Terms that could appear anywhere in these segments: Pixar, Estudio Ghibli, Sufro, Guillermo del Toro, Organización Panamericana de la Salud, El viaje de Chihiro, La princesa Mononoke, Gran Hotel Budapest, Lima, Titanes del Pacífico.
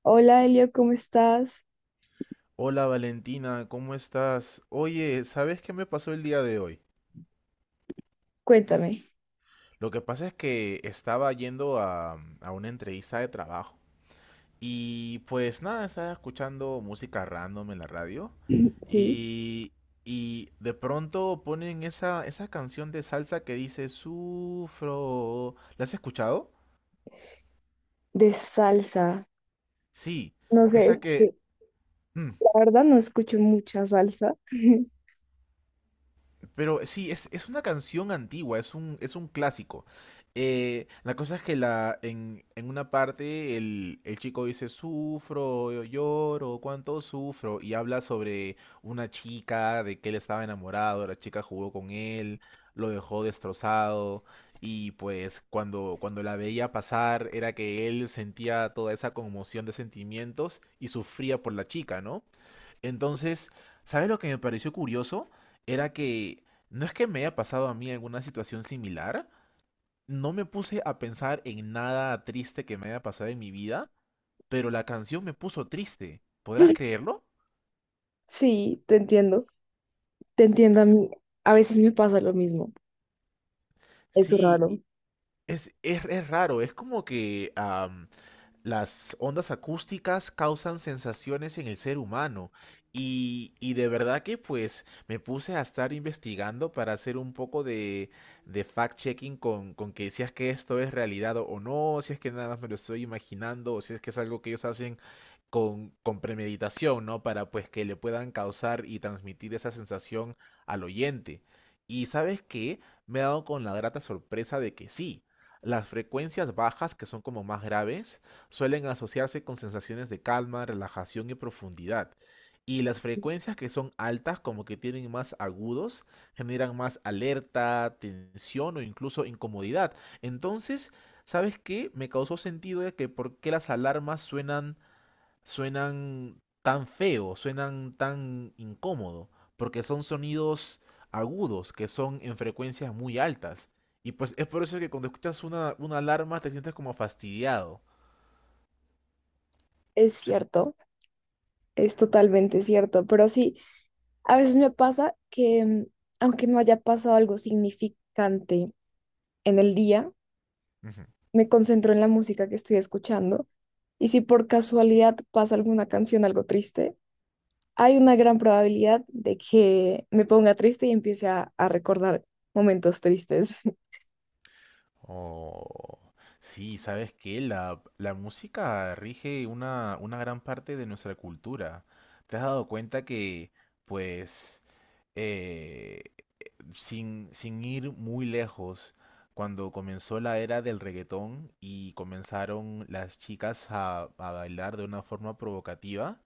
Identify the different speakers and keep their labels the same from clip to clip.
Speaker 1: Hola Elio, ¿cómo estás?
Speaker 2: Hola Valentina, ¿cómo estás? Oye, ¿sabes qué me pasó el día de hoy?
Speaker 1: Cuéntame.
Speaker 2: Lo que pasa es que estaba yendo a una entrevista de trabajo y pues nada, estaba escuchando música random en la radio
Speaker 1: Sí,
Speaker 2: y, y de pronto ponen esa canción de salsa que dice Sufro. ¿La has escuchado?
Speaker 1: de salsa.
Speaker 2: Sí,
Speaker 1: No sé, es
Speaker 2: esa que...
Speaker 1: que la verdad no escucho mucha salsa.
Speaker 2: Pero sí, es una canción antigua, es un clásico. La cosa es que en una parte el chico dice, sufro, lloro, cuánto sufro, y habla sobre una chica, de que él estaba enamorado, la chica jugó con él, lo dejó destrozado, y pues cuando la veía pasar era que él sentía toda esa conmoción de sentimientos y sufría por la chica, ¿no? Entonces, ¿sabes lo que me pareció curioso? Era que no es que me haya pasado a mí alguna situación similar, no me puse a pensar en nada triste que me haya pasado en mi vida, pero la canción me puso triste. ¿Podrás creerlo?
Speaker 1: Sí, te entiendo. Te entiendo a mí. A veces me pasa lo mismo. Es
Speaker 2: Sí,
Speaker 1: raro.
Speaker 2: es raro, es como que. Las ondas acústicas causan sensaciones en el ser humano y de verdad que pues me puse a estar investigando para hacer un poco de fact-checking con que si es que esto es realidad o no, si es que nada más me lo estoy imaginando o si es que es algo que ellos hacen con premeditación, ¿no? Para pues que le puedan causar y transmitir esa sensación al oyente. Y sabes qué, me he dado con la grata sorpresa de que sí, las frecuencias bajas, que son como más graves, suelen asociarse con sensaciones de calma, relajación y profundidad. Y las frecuencias que son altas, como que tienen más agudos, generan más alerta, tensión o incluso incomodidad. Entonces, ¿sabes qué? Me causó sentido de que por qué las alarmas suenan tan feo, suenan tan incómodo, porque son sonidos agudos, que son en frecuencias muy altas. Y pues es por eso que cuando escuchas una alarma te sientes como fastidiado.
Speaker 1: Es cierto. Es totalmente cierto. Pero sí, a veces me pasa que aunque no haya pasado algo significante en el día,
Speaker 2: Ujú.
Speaker 1: me concentro en la música que estoy escuchando. Y si por casualidad pasa alguna canción algo triste, hay una gran probabilidad de que me ponga triste y empiece a recordar momentos tristes.
Speaker 2: Oh, sí, sabes que la música rige una gran parte de nuestra cultura. ¿Te has dado cuenta que, pues, eh, sin ir muy lejos, cuando comenzó la era del reggaetón y comenzaron las chicas a bailar de una forma provocativa,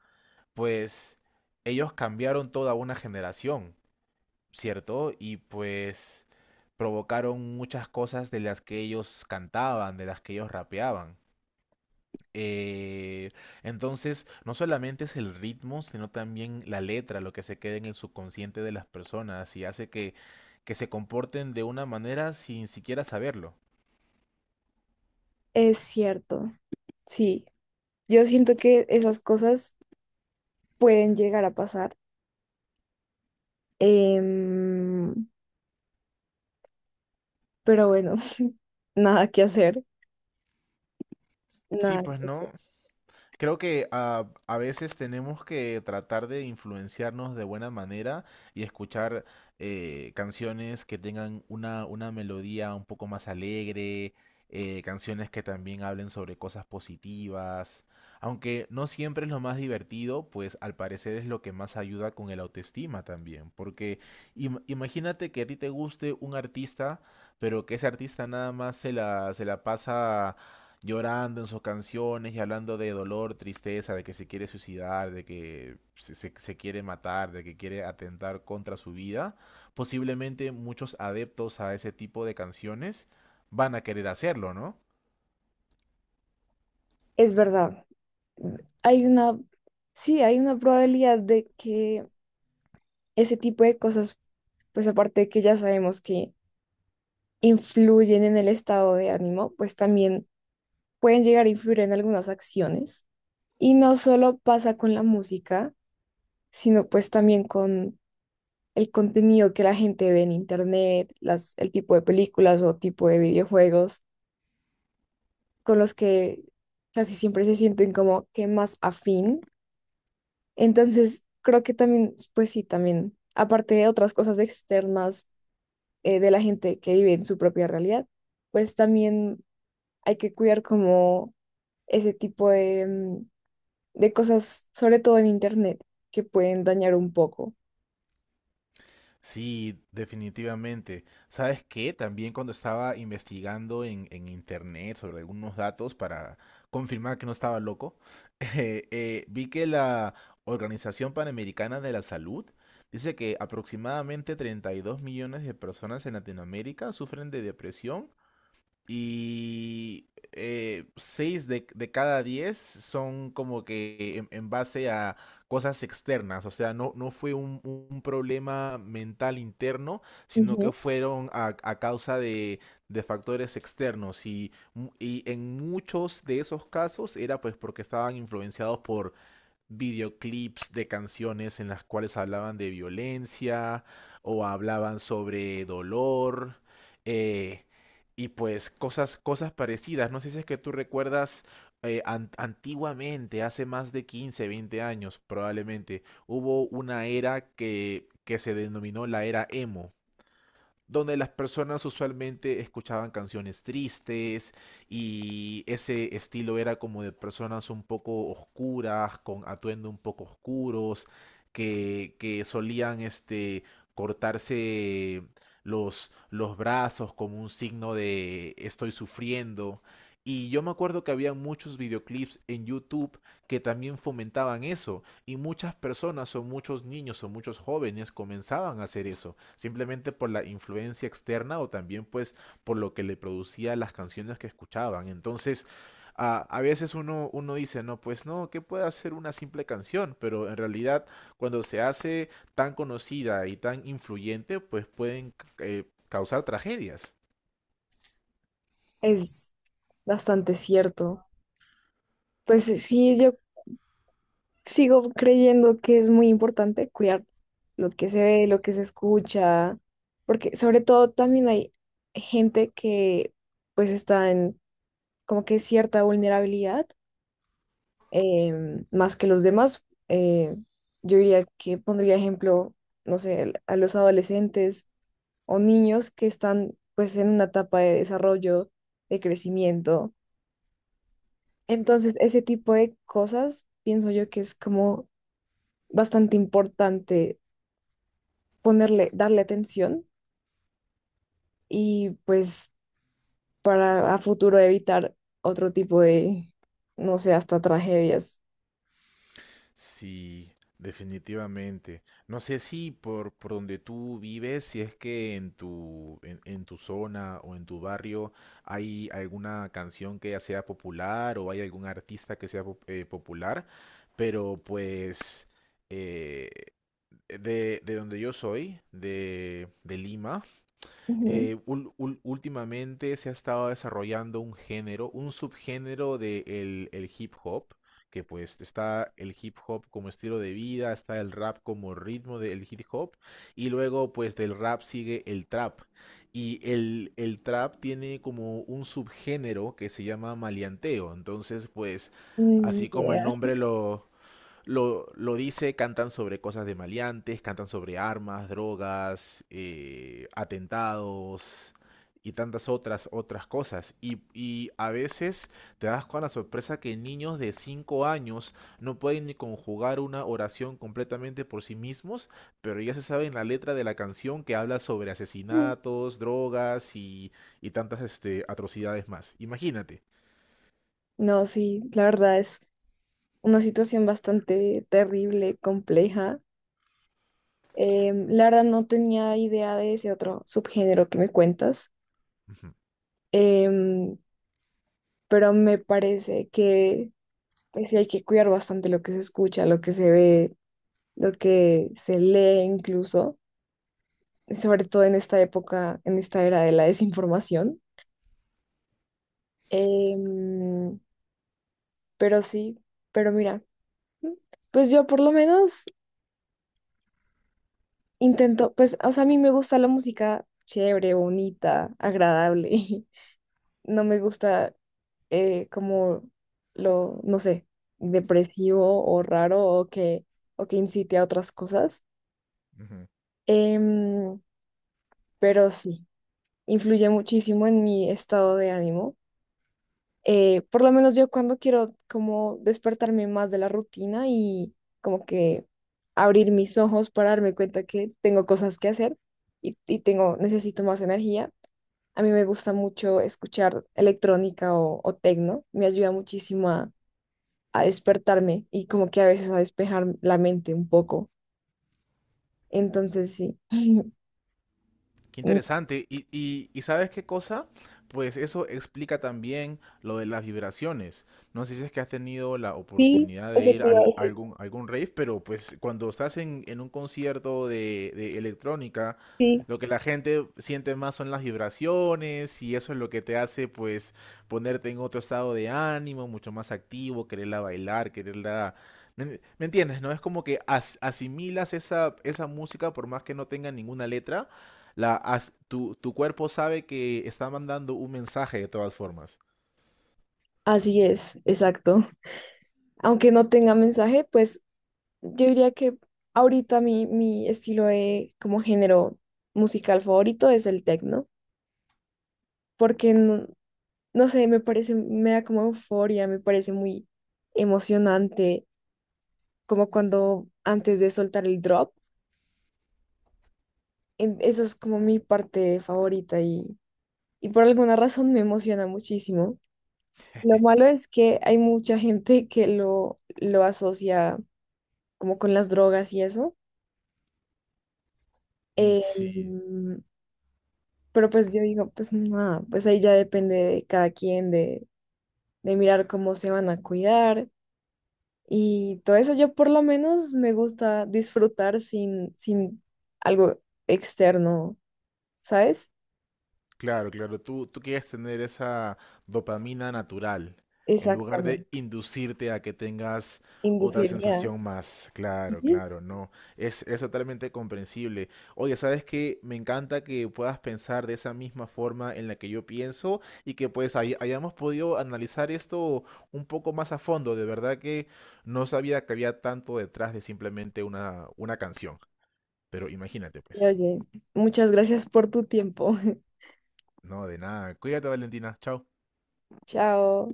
Speaker 2: pues ellos cambiaron toda una generación. ¿Cierto? Y pues provocaron muchas cosas de las que ellos cantaban, de las que ellos rapeaban. Eh, entonces, no solamente es el ritmo, sino también la letra, lo que se queda en el subconsciente de las personas y hace que se comporten de una manera sin siquiera saberlo.
Speaker 1: Es cierto, sí. Yo siento que esas cosas pueden llegar a pasar. em, pero bueno, nada que hacer,
Speaker 2: Sí,
Speaker 1: nada
Speaker 2: pues
Speaker 1: que hacer.
Speaker 2: no, creo que veces tenemos que tratar de influenciarnos de buena manera y escuchar canciones que tengan una melodía un poco más alegre, canciones que también hablen sobre cosas positivas. Aunque no siempre es lo más divertido, pues al parecer es lo que más ayuda con el autoestima también. Porque imagínate que a ti te guste un artista, pero que ese artista nada más se la pasa llorando en sus canciones y hablando de dolor, tristeza, de que se quiere suicidar, de que se quiere matar, de que quiere atentar contra su vida, posiblemente muchos adeptos a ese tipo de canciones van a querer hacerlo, ¿no?
Speaker 1: Es verdad. Hay una, sí, hay una probabilidad de que ese tipo de cosas, pues aparte de que ya sabemos que influyen en el estado de ánimo, pues también pueden llegar a influir en algunas acciones. Y no solo pasa con la música, sino pues también con el contenido que la gente ve en internet, las, el tipo de películas o tipo de videojuegos con los que casi siempre se sienten como que más afín. Entonces, creo que también, pues sí, también, aparte de otras cosas externas de la gente que vive en su propia realidad, pues también hay que cuidar como ese tipo de, de cosas, sobre todo en internet, que pueden dañar un poco.
Speaker 2: Sí, definitivamente. ¿Sabes qué? También cuando estaba investigando en internet sobre algunos datos para confirmar que no estaba loco, vi que la Organización Panamericana de la Salud dice que aproximadamente 32 millones de personas en Latinoamérica sufren de depresión y seis de cada diez son como que en base a cosas externas, o sea, no fue un problema mental interno, sino que fueron a causa de factores externos y en muchos de esos casos era pues porque estaban influenciados por videoclips de canciones en las cuales hablaban de violencia o hablaban sobre dolor eh, y pues cosas parecidas. No sé si es que tú recuerdas antiguamente, hace más de 15 20 años probablemente, hubo una era que se denominó la era emo donde las personas usualmente escuchaban canciones tristes y ese estilo era como de personas un poco oscuras, con atuendo un poco oscuros, que solían cortarse los brazos como un signo de estoy sufriendo. Y yo me acuerdo que había muchos videoclips en YouTube que también fomentaban eso. Y muchas personas o muchos niños o muchos jóvenes comenzaban a hacer eso, simplemente por la influencia externa o también pues por lo que le producía las canciones que escuchaban. Entonces, a veces uno dice, no, pues no, ¿qué puede hacer una simple canción? Pero en realidad, cuando se hace tan conocida y tan influyente, pues pueden causar tragedias.
Speaker 1: Es bastante cierto. Pues sí, yo sigo creyendo que es muy importante cuidar lo que se ve, lo que se escucha, porque sobre todo también hay gente que pues está en como que cierta vulnerabilidad, más que los demás. Eh, yo diría que pondría ejemplo, no sé, a los adolescentes o niños que están pues en una etapa de desarrollo, de crecimiento. Entonces, ese tipo de cosas pienso yo que es como bastante importante ponerle, darle atención y pues para a futuro evitar otro tipo de, no sé, hasta tragedias.
Speaker 2: Sí, definitivamente. No sé si por donde tú vives, si es que en tu zona o en tu barrio hay alguna canción que ya sea popular o hay algún artista que sea popular, pero pues eh, de donde yo soy, de Lima,
Speaker 1: Ujú.
Speaker 2: últimamente se ha estado desarrollando un género, un subgénero de el hip hop, que pues está el hip hop como estilo de vida, está el rap como ritmo del hip hop, y luego pues del rap sigue el trap. Y el trap tiene como un subgénero que se llama maleanteo. Entonces, pues,
Speaker 1: Mm,
Speaker 2: así como el
Speaker 1: yeah.
Speaker 2: nombre lo dice, cantan sobre cosas de maleantes, cantan sobre armas, drogas, atentados y tantas otras cosas. Y a veces te das con la sorpresa que niños de 5 años no pueden ni conjugar una oración completamente por sí mismos, pero ya se sabe en la letra de la canción que habla sobre
Speaker 1: Mm.
Speaker 2: asesinatos, drogas y tantas atrocidades más. Imagínate.
Speaker 1: No, sí, la verdad es una situación bastante terrible, compleja. La verdad no tenía idea de ese otro subgénero que me cuentas,
Speaker 2: Ujú,
Speaker 1: em, pero me parece que pues sí hay que cuidar bastante lo que se escucha, lo que se ve, lo que se lee incluso, sobre todo en esta época, en esta era de la desinformación. Em, pero sí, pero mira, mm, pues yo por lo menos intento, pues, o sea, a mí me gusta la música chévere, bonita, agradable. No me gusta como lo, no sé, depresivo o raro o que incite a otras cosas.
Speaker 2: ujú.
Speaker 1: Em, pero sí, influye muchísimo en mi estado de ánimo. Por lo menos yo cuando quiero como despertarme más de la rutina y como que abrir mis ojos para darme cuenta que tengo cosas que hacer y tengo, necesito más energía. A mí me gusta mucho escuchar electrónica o tecno. Me ayuda muchísimo a despertarme y como que a veces a despejar la mente un poco. Entonces sí.
Speaker 2: Qué
Speaker 1: Mm,
Speaker 2: interesante. Y ¿sabes qué cosa? Pues eso explica también lo de las vibraciones. No sé si es que has tenido la
Speaker 1: sí,
Speaker 2: oportunidad de
Speaker 1: eso
Speaker 2: ir
Speaker 1: te iba a
Speaker 2: a
Speaker 1: decir.
Speaker 2: algún rave, pero pues cuando estás en un concierto de electrónica,
Speaker 1: Sí,
Speaker 2: lo que la gente siente más son las vibraciones y eso es lo que te hace pues ponerte en otro estado de ánimo, mucho más activo, quererla bailar, quererla... ¿Me me entiendes? ¿No? Es como que asimilas esa música por más que no tenga ninguna letra tu cuerpo sabe que está mandando un mensaje de todas formas.
Speaker 1: así es, exacto. Aunque no tenga mensaje, pues yo diría que ahorita mi estilo de como género musical favorito es el techno, porque no, no sé, me parece, me da como euforia, me parece muy emocionante, como cuando antes de soltar el drop, eso es como mi parte favorita y por alguna razón me emociona muchísimo. Lo malo es que hay mucha gente que lo asocia como con las drogas y eso.
Speaker 2: Sí.
Speaker 1: Em, pero pues yo digo, pues nada, pues ahí ya depende de cada quien, de mirar cómo se van a cuidar y todo eso. Yo por lo menos me gusta disfrutar sin algo externo, ¿sabes?
Speaker 2: Claro, claro, tú quieres tener esa dopamina natural en lugar
Speaker 1: Exactamente,
Speaker 2: de inducirte a que tengas otra
Speaker 1: inducirme a...
Speaker 2: sensación más. Claro,
Speaker 1: Ujú.
Speaker 2: claro, no. Es totalmente comprensible. Oye, ¿sabes qué? Me encanta que puedas pensar de esa misma forma en la que yo pienso y que pues hayamos podido analizar esto un poco más a fondo. De verdad que no sabía que había tanto detrás de simplemente una canción. Pero imagínate, pues.
Speaker 1: Oye, muchas gracias por tu tiempo.
Speaker 2: No, de nada. Cuídate, Valentina. Chao.
Speaker 1: Chao.